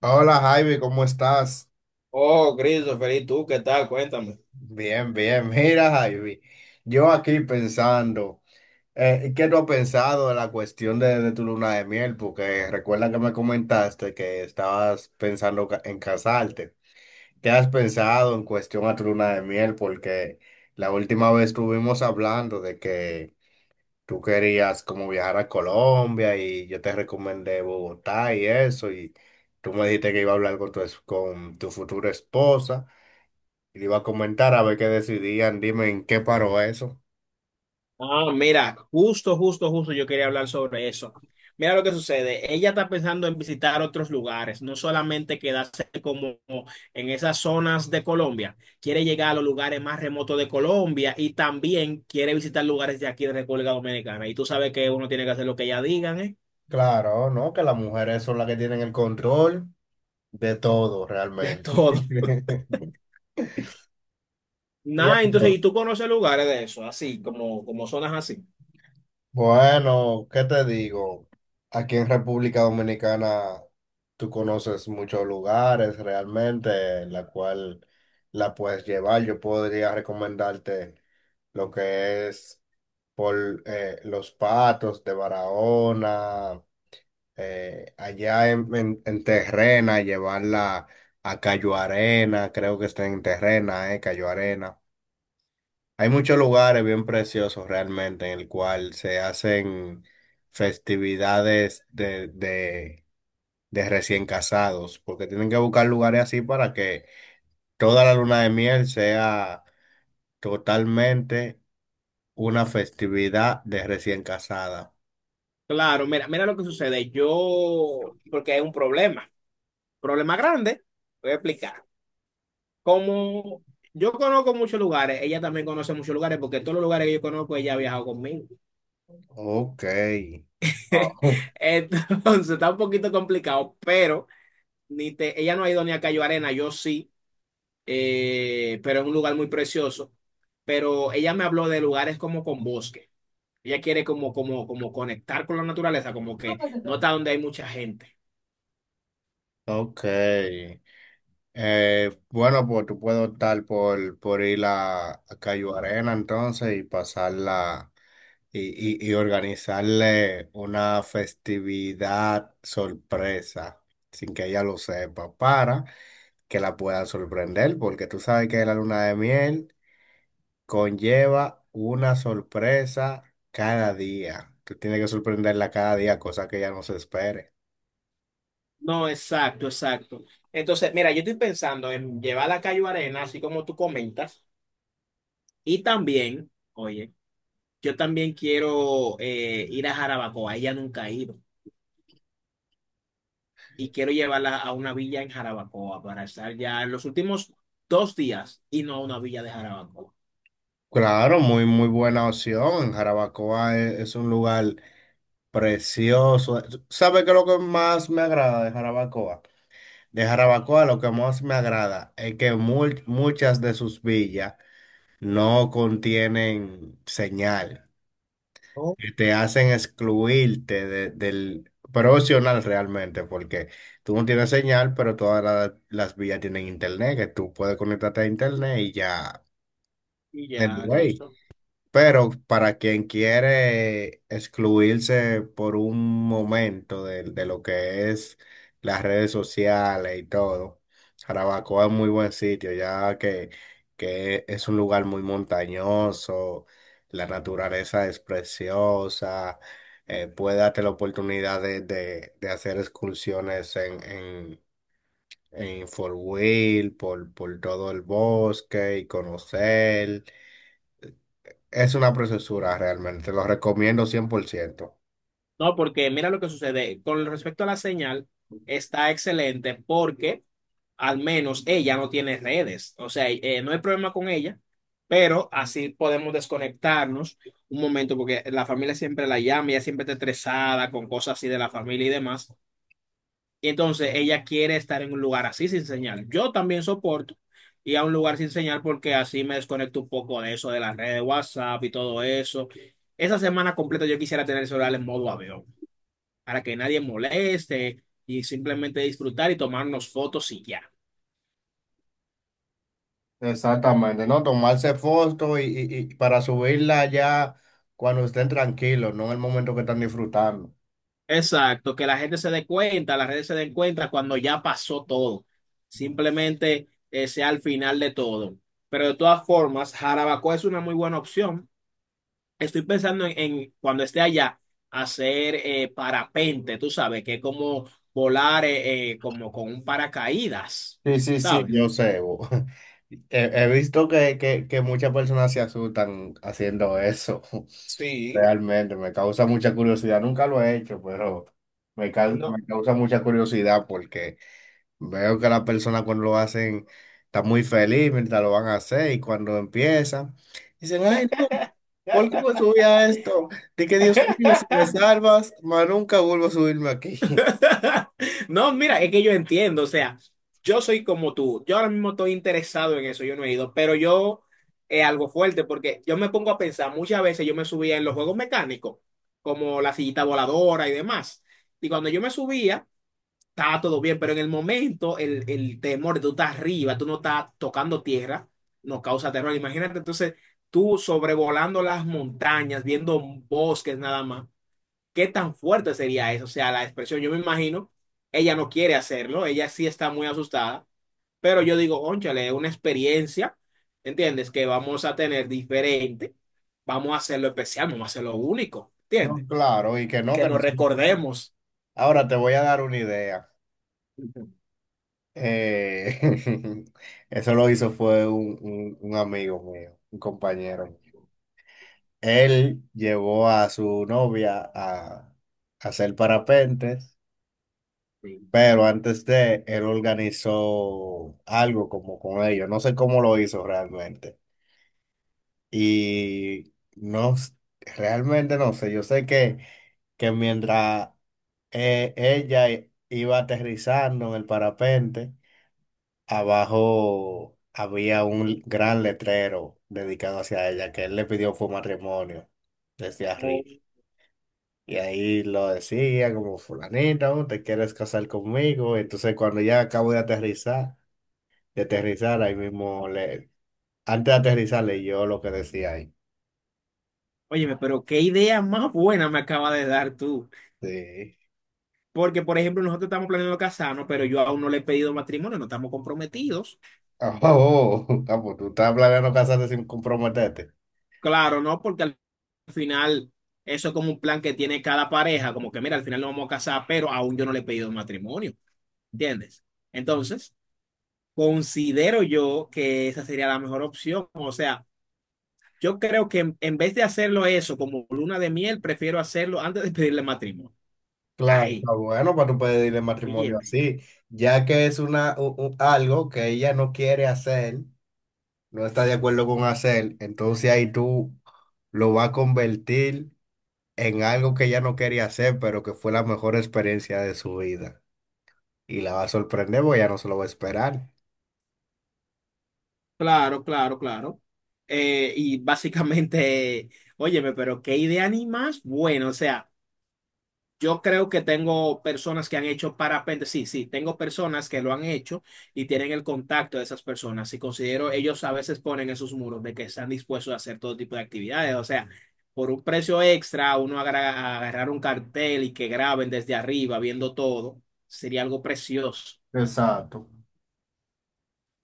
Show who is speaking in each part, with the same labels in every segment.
Speaker 1: Hola Javi, ¿cómo estás?
Speaker 2: Oh, Christopher, ¿y tú qué tal? Cuéntame.
Speaker 1: Bien, bien. Mira Javi, yo aquí pensando, ¿qué tú has pensado de la cuestión de tu luna de miel? Porque recuerda que me comentaste que estabas pensando en casarte. ¿Qué has pensado en cuestión a tu luna de miel? Porque la última vez estuvimos hablando de que tú querías como viajar a Colombia y yo te recomendé Bogotá y eso y tú me dijiste que iba a hablar con con tu futura esposa. Y le iba a comentar a ver qué decidían, dime en qué paró eso.
Speaker 2: Ah, mira, justo yo quería hablar sobre eso. Mira lo que sucede. Ella está pensando en visitar otros lugares, no solamente quedarse como en esas zonas de Colombia. Quiere llegar a los lugares más remotos de Colombia y también quiere visitar lugares de aquí de República Dominicana. Y tú sabes que uno tiene que hacer lo que ella digan, ¿eh?
Speaker 1: Claro, no, que las mujeres son las que tienen el control de todo realmente.
Speaker 2: Todo.
Speaker 1: Y
Speaker 2: Nada, entonces,
Speaker 1: entonces,
Speaker 2: ¿y tú conoces lugares de eso? Así, como zonas así.
Speaker 1: bueno, ¿qué te digo? Aquí en República Dominicana tú conoces muchos lugares realmente en la cual la puedes llevar. Yo podría recomendarte lo que es por Los Patos de Barahona. Allá en Terrena, llevarla a Cayo Arena, creo que está en Terrena, Cayo Arena. Hay muchos lugares bien preciosos realmente en el cual se hacen festividades de recién casados, porque tienen que buscar lugares así para que toda la luna de miel sea totalmente una festividad de recién casada.
Speaker 2: Claro, mira, mira lo que sucede. Yo, porque hay un problema. Problema grande, voy a explicar. Como yo conozco muchos lugares, ella también conoce muchos lugares, porque todos los lugares que yo conozco, ella ha viajado conmigo.
Speaker 1: Ok. Wow.
Speaker 2: Entonces, está un poquito complicado, pero ni te, ella no ha ido ni a Cayo Arena, yo sí, pero es un lugar muy precioso. Pero ella me habló de lugares como con bosque. Ella quiere como, como conectar con la naturaleza, como que no está donde hay mucha gente.
Speaker 1: Ok. Bueno, pues tú puedes optar por ir a Cayo Arena entonces y pasarla y organizarle una festividad sorpresa sin que ella lo sepa para que la pueda sorprender porque tú sabes que la luna de miel conlleva una sorpresa cada día. Tú tienes que sorprenderla cada día, cosa que ella no se espere.
Speaker 2: No, exacto, exacto. Entonces, mira, yo estoy pensando en llevar a Cayo Arena, así como tú comentas. Y también, oye, yo también quiero ir a Jarabacoa, ella nunca ha ido, y quiero llevarla a una villa en Jarabacoa para estar ya en los últimos dos días y no a una villa de Jarabacoa.
Speaker 1: Claro, muy, muy buena opción. Jarabacoa es un lugar precioso. ¿Sabe qué es lo que más me agrada de Jarabacoa? De Jarabacoa lo que más me agrada es que muchas de sus villas no contienen señal,
Speaker 2: ¿No?
Speaker 1: que te hacen excluirte del, pero es opcional realmente, porque tú no tienes señal, pero todas las villas tienen internet, que tú puedes conectarte a internet y ya.
Speaker 2: Y ya,
Speaker 1: Anyway.
Speaker 2: listo.
Speaker 1: Pero para quien quiere excluirse por un momento de lo que es las redes sociales y todo, Jarabacoa es muy buen sitio, ya que es un lugar muy montañoso, la naturaleza es preciosa, puede darte la oportunidad de hacer excursiones en four wheel, por todo el bosque y conocer. Es una preciosura realmente, lo recomiendo cien por ciento.
Speaker 2: No, porque mira lo que sucede. Con respecto a la señal, está excelente porque al menos ella no tiene redes. O sea, no hay problema con ella, pero así podemos desconectarnos un momento porque la familia siempre la llama, ella siempre está estresada con cosas así de la familia y demás. Y entonces ella quiere estar en un lugar así sin señal. Yo también soporto ir a un lugar sin señal porque así me desconecto un poco de eso, de las redes de WhatsApp y todo eso. Esa semana completa yo quisiera tener el celular en modo avión, para que nadie moleste y simplemente disfrutar y tomarnos fotos y ya.
Speaker 1: Exactamente, ¿no? Tomarse fotos y para subirla ya cuando estén tranquilos, no en el momento que están disfrutando.
Speaker 2: Exacto, que la gente se dé cuenta, las redes se den cuenta cuando ya pasó todo. Simplemente sea al final de todo. Pero de todas formas, Jarabacoa es una muy buena opción. Estoy pensando en cuando esté allá, hacer parapente, tú sabes, que es como volar como con un paracaídas,
Speaker 1: Sí, sí, sí,
Speaker 2: ¿sabes?
Speaker 1: yo sé. Bo. He visto que muchas personas se asustan haciendo eso.
Speaker 2: Sí,
Speaker 1: Realmente, me causa mucha curiosidad. Nunca lo he hecho, pero
Speaker 2: no.
Speaker 1: me causa mucha curiosidad porque veo que las personas cuando lo hacen están muy feliz mientras lo van a hacer y cuando empiezan, dicen, ay, no, ¿por qué me subí a esto? De que Dios mío, si me salvas, más nunca vuelvo a subirme aquí.
Speaker 2: No, mira, es que yo entiendo, o sea, yo soy como tú, yo ahora mismo estoy interesado en eso, yo no he ido, pero yo es algo fuerte porque yo me pongo a pensar, muchas veces yo me subía en los juegos mecánicos, como la sillita voladora y demás, y cuando yo me subía, estaba todo bien, pero en el momento el temor de tú estás arriba, tú no estás tocando tierra, nos causa terror, imagínate entonces tú sobrevolando las montañas, viendo bosques nada más. ¿Qué tan fuerte sería eso? O sea, la expresión, yo me imagino, ella no quiere hacerlo, ella sí está muy asustada, pero yo digo, ónchale, es una experiencia, ¿entiendes? Que vamos a tener diferente, vamos a hacerlo especial, vamos a hacerlo único,
Speaker 1: No,
Speaker 2: ¿entiendes?
Speaker 1: claro, y
Speaker 2: Que
Speaker 1: que
Speaker 2: nos
Speaker 1: no se puede.
Speaker 2: recordemos.
Speaker 1: Ahora te voy a dar una idea. Eh, eso lo hizo fue un amigo mío, un compañero mío. Él llevó a su novia a hacer parapentes.
Speaker 2: Sí.
Speaker 1: Pero antes de él organizó algo como con ellos, no sé cómo lo hizo realmente. Y no, s- Realmente no sé, yo sé que mientras ella iba aterrizando en el parapente, abajo había un gran letrero dedicado hacia ella, que él le pidió fue matrimonio desde
Speaker 2: O-
Speaker 1: arriba. Y ahí lo decía como fulanito, ¿te quieres casar conmigo? Entonces cuando ya acabo de aterrizar. De aterrizar, ahí mismo, antes de aterrizar, leyó lo que decía ahí.
Speaker 2: Óyeme, pero qué idea más buena me acaba de dar tú.
Speaker 1: Sí.
Speaker 2: Porque, por ejemplo, nosotros estamos planeando casarnos, pero yo aún no le he pedido matrimonio, no estamos comprometidos.
Speaker 1: Oh, oh, oh, ah, pues tú estás planeando casarte sin comprometerte.
Speaker 2: Claro, ¿no? Porque al final eso es como un plan que tiene cada pareja, como que mira, al final nos vamos a casar, pero aún yo no le he pedido matrimonio, ¿entiendes? Entonces, considero yo que esa sería la mejor opción, o sea, yo creo que en vez de hacerlo eso como luna de miel, prefiero hacerlo antes de pedirle matrimonio.
Speaker 1: Claro,
Speaker 2: Ahí,
Speaker 1: está bueno para tú pedirle matrimonio
Speaker 2: óyeme.
Speaker 1: así, ya que es algo que ella no quiere hacer, no está de acuerdo con hacer, entonces ahí tú lo vas a convertir en algo que ella no quería hacer, pero que fue la mejor experiencia de su vida. Y la va a sorprender porque ella no se lo va a esperar.
Speaker 2: Claro, claro, claro. Y básicamente, óyeme, pero qué idea ni más, bueno, o sea. Yo creo que tengo personas que han hecho parapente, sí, sí, tengo personas que lo han hecho y tienen el contacto de esas personas. Y considero, ellos a veces ponen esos muros de que están dispuestos a hacer todo tipo de actividades. O sea, por un precio extra, uno agarrar un cartel y que graben desde arriba viendo todo, sería algo precioso.
Speaker 1: Exacto.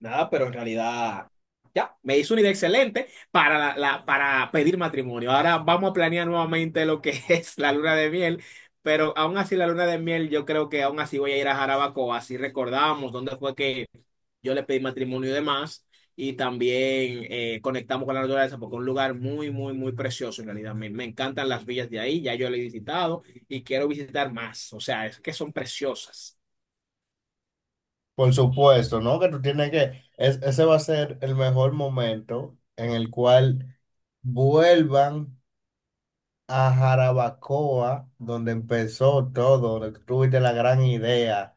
Speaker 2: Nada, pero en realidad ya me hizo una idea excelente para, para pedir matrimonio. Ahora vamos a planear nuevamente lo que es la luna de miel, pero aún así la luna de miel yo creo que aún así voy a ir a Jarabacoa, así recordamos dónde fue que yo le pedí matrimonio y demás, y también conectamos con la naturaleza porque es un lugar muy, muy, muy precioso en realidad. Me encantan las villas de ahí, ya yo lo he visitado y quiero visitar más, o sea, es que son preciosas.
Speaker 1: Por supuesto, ¿no? Que tú tienes que, ese va a ser el mejor momento en el cual vuelvan a Jarabacoa, donde empezó todo, donde tú tuviste la gran idea,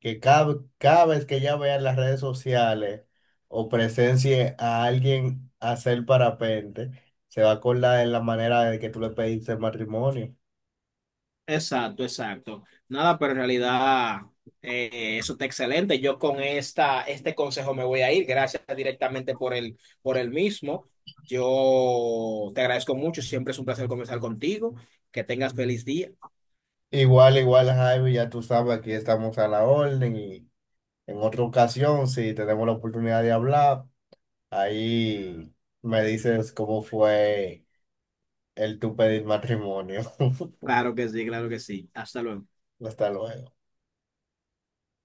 Speaker 1: que cada vez que ya vean las redes sociales o presencie a alguien hacer parapente, se va a acordar en la manera de que tú le pediste matrimonio.
Speaker 2: Exacto, exacto. Nada, pero en realidad eso está excelente. Yo con esta, este consejo me voy a ir. Gracias directamente por por el mismo. Yo te agradezco mucho. Siempre es un placer conversar contigo. Que tengas feliz día.
Speaker 1: Igual, igual, Javi, ya tú sabes, aquí estamos a la orden. En otra ocasión, si tenemos la oportunidad de hablar, ahí me dices cómo fue el tu pedir matrimonio.
Speaker 2: Claro que sí, claro que sí. Hasta luego.
Speaker 1: Hasta luego.